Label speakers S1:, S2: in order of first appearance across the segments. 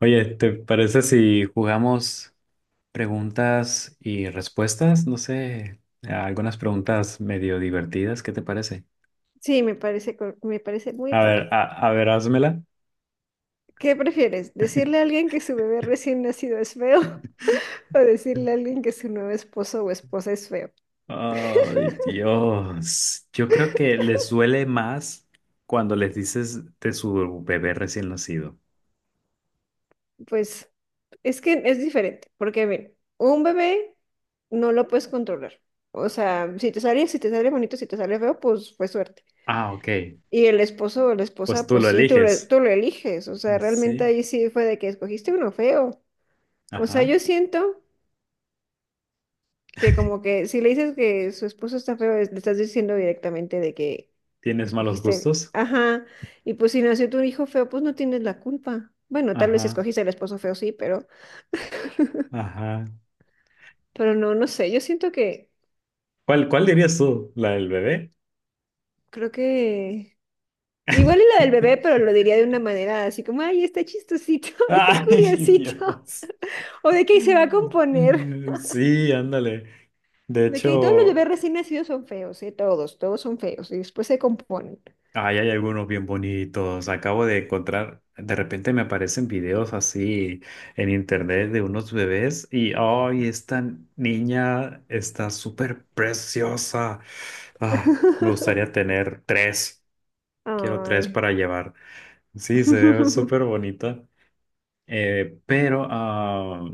S1: Oye, ¿te parece si jugamos preguntas y respuestas? No sé, algunas preguntas medio divertidas, ¿qué te parece?
S2: Sí, me parece, me parece muy
S1: A ver,
S2: padre.
S1: a ver, házmela.
S2: ¿Qué prefieres? ¿Decirle a alguien que su bebé recién nacido es feo o decirle a alguien que su nuevo esposo o esposa es feo?
S1: Ay, Dios. Yo creo que les duele más cuando les dices de su bebé recién nacido.
S2: Pues es que es diferente, porque miren, un bebé no lo puedes controlar. O sea, si te sale, si te sale bonito, si te sale feo, pues fue suerte.
S1: Ah, ok.
S2: Y el esposo o la
S1: Pues
S2: esposa,
S1: tú
S2: pues
S1: lo
S2: sí, tú lo,
S1: eliges.
S2: tú lo eliges. O sea, realmente
S1: Sí.
S2: ahí sí fue de que escogiste uno feo. O sea,
S1: Ajá.
S2: yo siento que como que si le dices que su esposo está feo, le estás diciendo directamente de que
S1: ¿Tienes malos
S2: escogiste,
S1: gustos?
S2: ajá, y pues si nació tu hijo feo, pues no tienes la culpa. Bueno, tal vez si
S1: Ajá.
S2: escogiste el esposo feo, sí,
S1: Ajá.
S2: pero no, no sé, yo siento que,
S1: ¿Cuál dirías tú? ¿La del bebé?
S2: creo que, igual y la del bebé, pero lo diría de una manera así como, ay, está chistosito, está
S1: Ay,
S2: curiosito,
S1: Dios.
S2: o de que "Ay, se va a componer.
S1: Mm, sí, ándale. De
S2: De que "Ay, todos los
S1: hecho,
S2: bebés recién nacidos son feos, ¿eh? Todos, todos son feos y después se componen.
S1: ay, hay algunos bien bonitos. Acabo de encontrar, de repente me aparecen videos así en internet de unos bebés y, ay, esta niña está súper preciosa. Ah, me gustaría tener tres. Quiero tres
S2: Ay.
S1: para llevar. Sí, se ve súper bonita. Pero,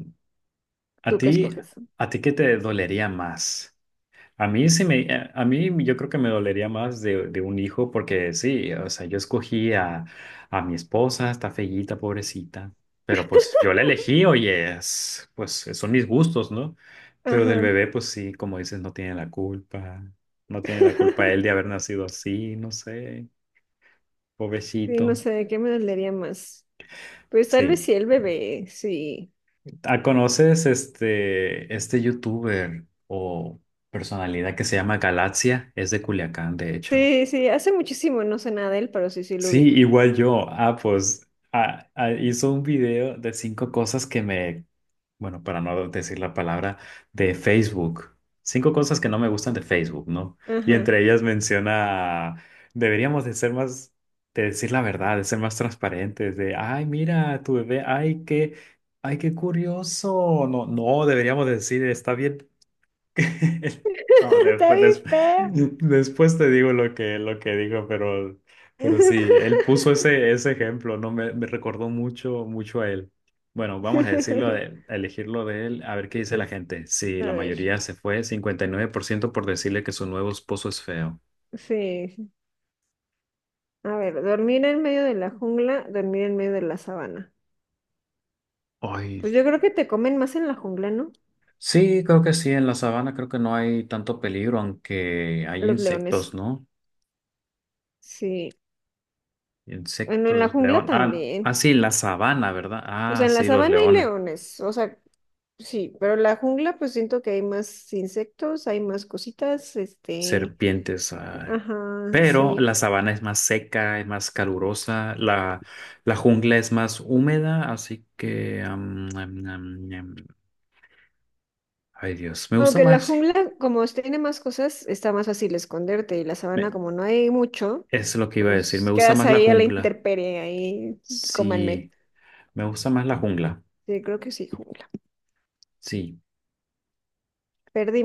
S1: ¿a
S2: ¿Tú qué
S1: ti,
S2: escoges?
S1: a ti qué te dolería más? A mí sí me, a mí yo creo que me dolería más de, un hijo porque sí, o sea, yo escogí a mi esposa, está feíta, pobrecita, pero pues yo la elegí, oye, pues son mis gustos, ¿no? Pero del
S2: Ajá.
S1: bebé, pues sí, como dices, no tiene la culpa, no tiene la culpa él de haber nacido así, no sé,
S2: Sí, no
S1: pobrecito.
S2: sé, ¿qué me dolería más? Pues tal vez
S1: Sí.
S2: sí el bebé, sí.
S1: Ah, conoces este youtuber o personalidad que se llama Galaxia? Es de Culiacán, de hecho.
S2: Sí, sí, hace muchísimo no sé nada de él, pero sí, sí lo
S1: Sí,
S2: ubico.
S1: igual yo. Pues hizo un video de cinco cosas que me, bueno, para no decir la palabra, de Facebook. Cinco cosas que no me gustan de Facebook, ¿no? Y
S2: Ajá.
S1: entre ellas menciona, deberíamos de ser más, de decir la verdad, de ser más transparentes, de, ay, mira, tu bebé, ay, qué curioso. No, no, deberíamos decir, está bien. No,
S2: Está
S1: después,
S2: bien feo.
S1: después te digo lo que dijo, pero sí, él puso ese ejemplo, ¿no? Me recordó mucho, mucho a él. Bueno, vamos a decirlo a elegirlo de él, a ver qué dice la
S2: Es-
S1: gente. Sí,
S2: a
S1: la
S2: ver,
S1: mayoría se fue, 59% por decirle que su nuevo esposo es feo.
S2: sí. A ver, dormir en medio de la jungla, dormir en medio de la sabana.
S1: Ay,
S2: Pues yo creo que te comen más en la jungla, ¿no?
S1: sí, creo que sí, en la sabana creo que no hay tanto peligro, aunque hay
S2: Los leones.
S1: insectos, ¿no?
S2: Sí. Bueno, en la
S1: Insectos,
S2: jungla
S1: león.
S2: también.
S1: Sí, la sabana, ¿verdad?
S2: O
S1: Ah,
S2: sea, en la
S1: sí, los
S2: sabana hay
S1: leones.
S2: leones, o sea, sí, pero la jungla pues siento que hay más insectos, hay más cositas, este,
S1: Serpientes.
S2: ajá,
S1: Pero
S2: sí.
S1: la sabana es más seca, es más calurosa, la jungla es más húmeda, así que... am, am, am, am. Ay, Dios, me gusta
S2: Aunque en la
S1: más.
S2: jungla, como tiene más cosas, está más fácil esconderte y la
S1: me-
S2: sabana como no hay mucho,
S1: es lo que iba a decir, me
S2: pues
S1: gusta
S2: quedas
S1: más la
S2: ahí a la
S1: jungla.
S2: intemperie, ahí cómanme.
S1: Sí, me gusta más la jungla.
S2: Sí, creo que sí, jungla.
S1: Sí.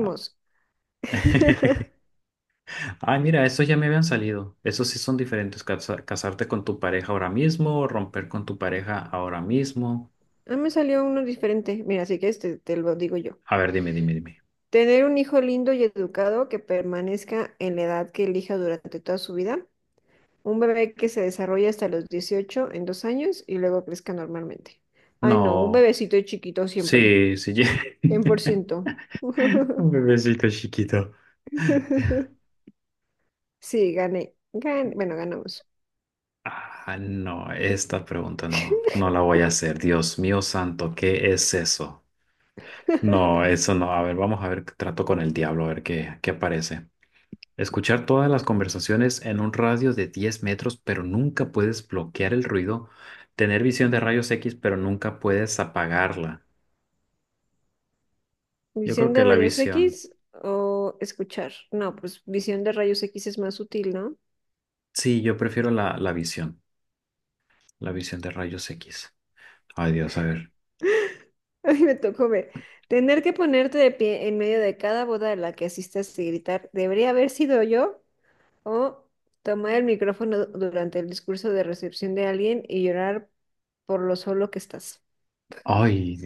S1: Ah. Ay, mira, estos ya me habían salido. Esos sí son diferentes. Casarte con tu pareja ahora mismo, romper con tu pareja ahora mismo.
S2: Ah, me salió uno diferente. Mira, así que este te lo digo yo.
S1: A ver, dime, dime, dime.
S2: Tener un hijo lindo y educado que permanezca en la edad que elija durante toda su vida. Un bebé que se desarrolla hasta los 18 en 2 años y luego crezca normalmente. Ay, no, un
S1: No.
S2: bebecito chiquito siempre.
S1: Sí, sí.
S2: 100%.
S1: Un bebecito chiquito.
S2: Sí, gané. Bueno, ganamos.
S1: Ah, no, esta pregunta no, no la voy a hacer. Dios mío santo, ¿qué es eso? No, eso no. A ver, vamos a ver, trato con el diablo, a ver qué aparece. Escuchar todas las conversaciones en un radio de 10 metros, pero nunca puedes bloquear el ruido. Tener visión de rayos X, pero nunca puedes apagarla. Yo
S2: ¿Visión
S1: creo que
S2: de
S1: la
S2: rayos
S1: visión.
S2: X o escuchar? No, pues visión de rayos X es más útil, ¿no?
S1: Sí, yo prefiero la visión. La visión de rayos X. Ay, Dios, a ver.
S2: Ay, me tocó ver. Tener que ponerte de pie en medio de cada boda a la que asistas y gritar, ¿debería haber sido yo? O tomar el micrófono durante el discurso de recepción de alguien y llorar por lo solo que estás.
S1: Ay,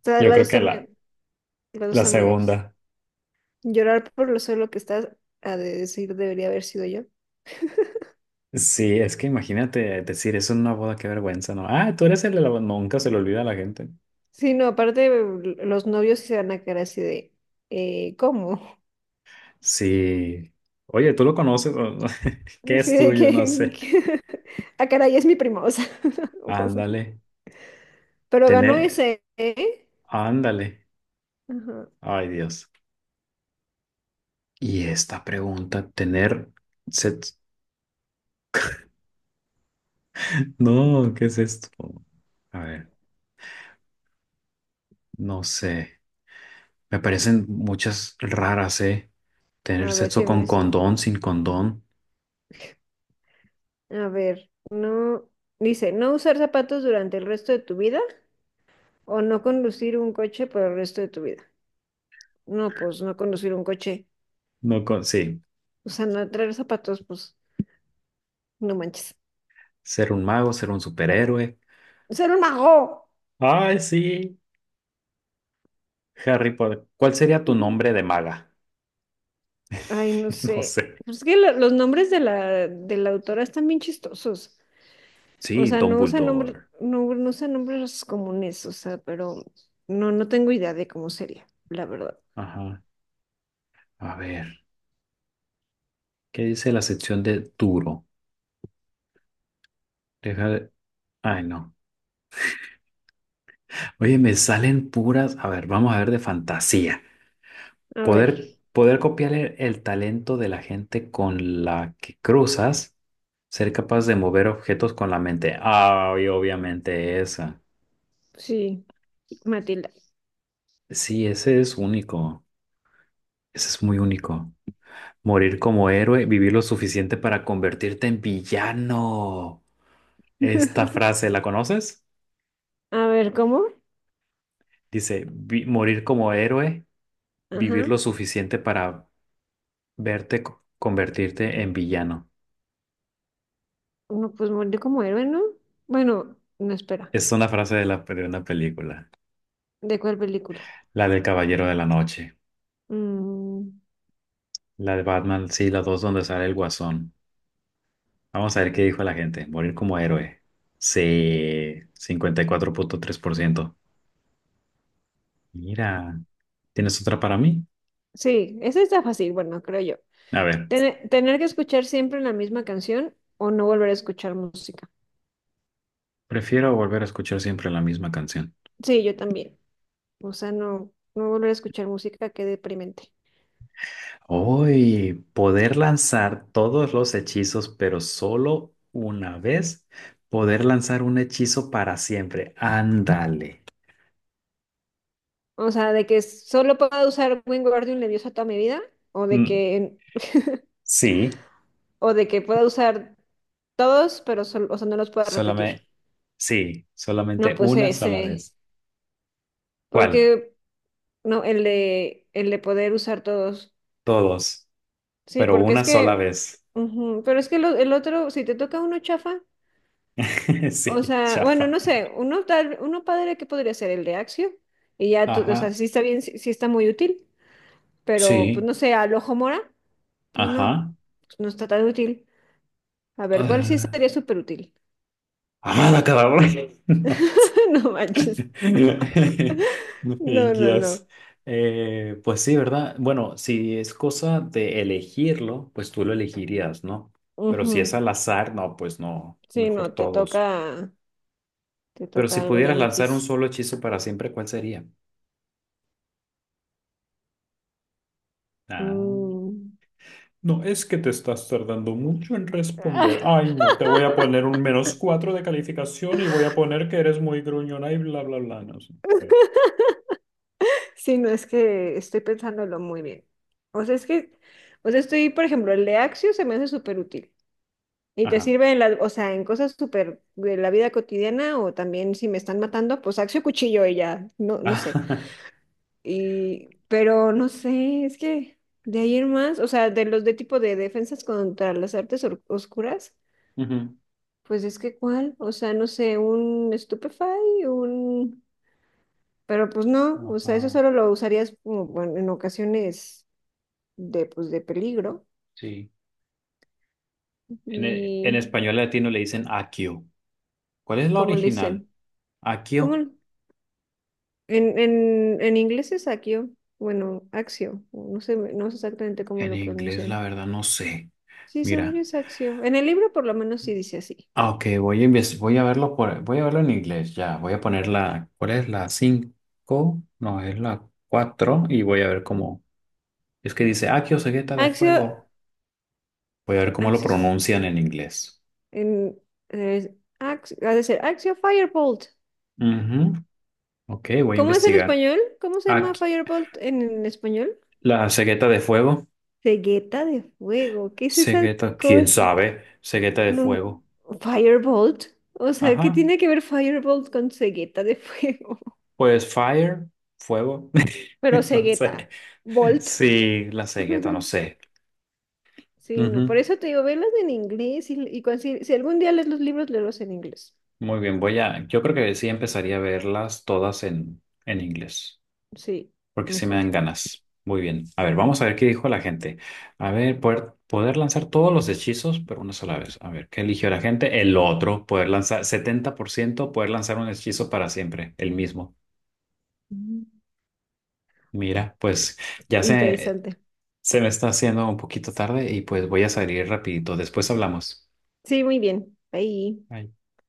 S2: O sea,
S1: yo
S2: las
S1: creo
S2: dos
S1: que
S2: están
S1: la,
S2: muy, las dos
S1: la
S2: están muy gachas.
S1: segunda.
S2: Llorar por lo solo que estás, a de decir, debería haber sido yo.
S1: Sí, es que imagínate decir eso en una boda, qué vergüenza, ¿no? Ah, tú eres el de la boda. Nunca se le olvida a la gente.
S2: Sí, no, aparte los novios sí se van a quedar así de, ¿cómo?
S1: Sí. Oye, ¿tú lo conoces? ¿Qué
S2: Sí,
S1: es
S2: de
S1: tuyo?
S2: que,
S1: No sé.
S2: que- ah, caray, es mi primo, o sea, o cosas así.
S1: Ándale.
S2: Pero ganó
S1: Tener.
S2: ese, ¿eh?
S1: Ándale.
S2: Ajá.
S1: Ay, Dios. Y esta pregunta, tener. Sex- No, ¿qué es esto? A ver, no sé. Me parecen muchas raras, ¿eh? Tener
S2: A ver,
S1: sexo
S2: si me...
S1: con condón, sin condón.
S2: A ver, no... Dice, no usar zapatos durante el resto de tu vida. O no conducir un coche por el resto de tu vida. No, pues no conducir un coche.
S1: No con. Sí.
S2: O sea, no traer zapatos, pues no manches.
S1: Ser un mago, ser un superhéroe.
S2: Ser un mago.
S1: Ay, sí, Harry Potter. ¿Cuál sería tu
S2: Ujú.
S1: nombre de maga?
S2: Ay, no
S1: No
S2: sé.
S1: sé.
S2: Pues es que los nombres de la autora están bien chistosos. O
S1: Sí,
S2: sea, no usa nombres,
S1: Dumbledore.
S2: no, no usa nombres comunes, o sea, pero no, no tengo idea de cómo sería, la verdad.
S1: Ajá. A ver, ¿qué dice la sección de duro? Deja de. Ay, no. Oye, me salen puras. A ver, vamos a ver de fantasía.
S2: A ver,
S1: Poder copiar el talento de la gente con la que cruzas. Ser capaz de mover objetos con la mente. Ay, obviamente esa.
S2: sí, Matilda.
S1: Sí, ese es único. Ese es muy único. Morir como héroe, vivir lo suficiente para convertirte en villano. Esta frase, ¿la conoces?
S2: A ver, ¿cómo?
S1: Dice, Morir como héroe, vivir
S2: Ajá.
S1: lo suficiente para verte convertirte en villano."
S2: No, pues murió como héroe, ¿no? Bueno, no espera.
S1: Es una frase de una película.
S2: ¿De cuál película?
S1: La del Caballero de la Noche.
S2: Mm,
S1: La de Batman, sí, las dos donde sale el Guasón. Vamos a ver qué dijo la gente. Morir como héroe. Sí, 54.3%. Mira, ¿tienes otra para mí?
S2: sí, esa está fácil, bueno, creo yo.
S1: A ver.
S2: Tener que escuchar siempre la misma canción o no volver a escuchar música.
S1: Prefiero volver a escuchar siempre la misma canción.
S2: Sí, yo también. O sea, no, no volver a escuchar música, qué deprimente.
S1: Hoy, poder lanzar todos los hechizos, pero solo una vez. Poder lanzar un hechizo para siempre. Ándale.
S2: O sea, de que solo pueda usar Wingardium Leviosa toda mi vida o de
S1: Mm,
S2: que,
S1: sí,
S2: o de que pueda usar todos, pero solo, o sea, no los pueda repetir.
S1: solamente, sí,
S2: No,
S1: solamente
S2: pues
S1: una sola
S2: ese,
S1: vez. ¿Cuál?
S2: porque no, el de poder usar todos.
S1: Todos,
S2: Sí,
S1: pero
S2: porque
S1: una
S2: es
S1: sola
S2: que,
S1: vez.
S2: ujú, pero es que el otro, si te toca uno chafa, o
S1: Sí,
S2: sea, bueno,
S1: chafa.
S2: no sé, uno tal, uno padre que podría ser el de Axio, y ya, o sea,
S1: Ajá,
S2: sí está bien, sí, sí está muy útil, pero pues
S1: sí,
S2: no sé, al ojo mora, pues no,
S1: ajá.
S2: pues no está tan útil. A ver, ¿cuál sí
S1: Ah,
S2: sería súper útil?
S1: amada cabrón.
S2: No manches. No, no,
S1: Yes.
S2: no.
S1: Pues sí, ¿verdad? Bueno, si es cosa de elegirlo, pues tú lo elegirías, ¿no? Pero si es
S2: Ujú.
S1: al azar, no, pues no,
S2: Sí,
S1: mejor
S2: no,
S1: todos.
S2: te
S1: Pero si
S2: toca algo
S1: pudieras
S2: bien
S1: lanzar un
S2: X.
S1: solo hechizo para siempre, ¿cuál sería? Ah.
S2: Mm.
S1: No, es que te estás tardando mucho en responder. Ay, no, te voy a poner un menos cuatro de calificación y voy a poner que eres muy gruñona y bla, bla, bla. No sé.
S2: Sí, no es que estoy pensándolo muy bien. O sea, es que, o sea, estoy, por ejemplo, el de Axio se me hace súper útil. Y te
S1: Ajá.
S2: sirve en la, o sea, en cosas súper de la vida cotidiana o también si me están matando, pues Axio cuchillo y ya, no, no sé. Y, pero no sé, es que de ahí en más, o sea, de los de tipo de defensas contra las artes oscuras,
S1: Ujú.
S2: pues es que cuál, o sea, no sé, un Stupefy, un... Pero pues no, o sea, eso
S1: Ajá.
S2: solo lo usarías como, bueno, en ocasiones de, pues, de peligro.
S1: Sí. En
S2: Y,
S1: español latino le dicen accio. ¿Cuál es la
S2: ¿cómo le
S1: original?
S2: dicen? ¿Cómo?
S1: Accio.
S2: En inglés es axio, bueno, axio, no sé, no sé exactamente cómo
S1: En
S2: lo
S1: inglés, la
S2: pronuncian.
S1: verdad, no sé.
S2: Sí, según yo
S1: Mira.
S2: es axio. En el libro por lo menos sí dice así.
S1: Ah, ok, voy a verlo en inglés. Ya, voy a poner ¿cuál es la 5? No, es la 4. Y voy a ver cómo. Es que dice accio cegueta de
S2: Axio,
S1: fuego. Voy a ver cómo lo
S2: axis,
S1: pronuncian en inglés.
S2: en, es ha de ser axio firebolt.
S1: Ujú. Ok, voy a
S2: ¿Cómo es en
S1: investigar.
S2: español? ¿Cómo se llama
S1: Aquí,
S2: firebolt en español?
S1: la cegueta de fuego.
S2: Cegueta de fuego, ¿qué es esa
S1: Cegueta, quién
S2: cosa?
S1: sabe. Cegueta de
S2: No,
S1: fuego.
S2: Firebolt. O sea, ¿qué
S1: Ajá.
S2: tiene que ver Firebolt con cegueta de fuego?
S1: Pues fire, fuego,
S2: Pero
S1: no sé.
S2: cegueta. Bolt.
S1: Sí, la cegueta, no sé.
S2: Sí, no. Por
S1: Ujú.
S2: eso te digo, velas en inglés y si, si algún día lees los libros, léelos en inglés.
S1: Muy bien, yo creo que sí empezaría a verlas todas en, inglés,
S2: Sí,
S1: porque sí me
S2: mejor.
S1: dan ganas. Muy bien. A ver, vamos a ver qué dijo la gente. A ver, poder lanzar todos los hechizos, pero una sola vez. A ver, ¿qué eligió la gente? El otro, poder lanzar 70% poder lanzar un hechizo para siempre, el mismo.
S2: Mm.
S1: Mira, pues ya se.
S2: Interesante.
S1: Se me está haciendo un poquito tarde y pues voy a salir rapidito. Después hablamos.
S2: Sí, muy bien. Ahí.
S1: Ahí.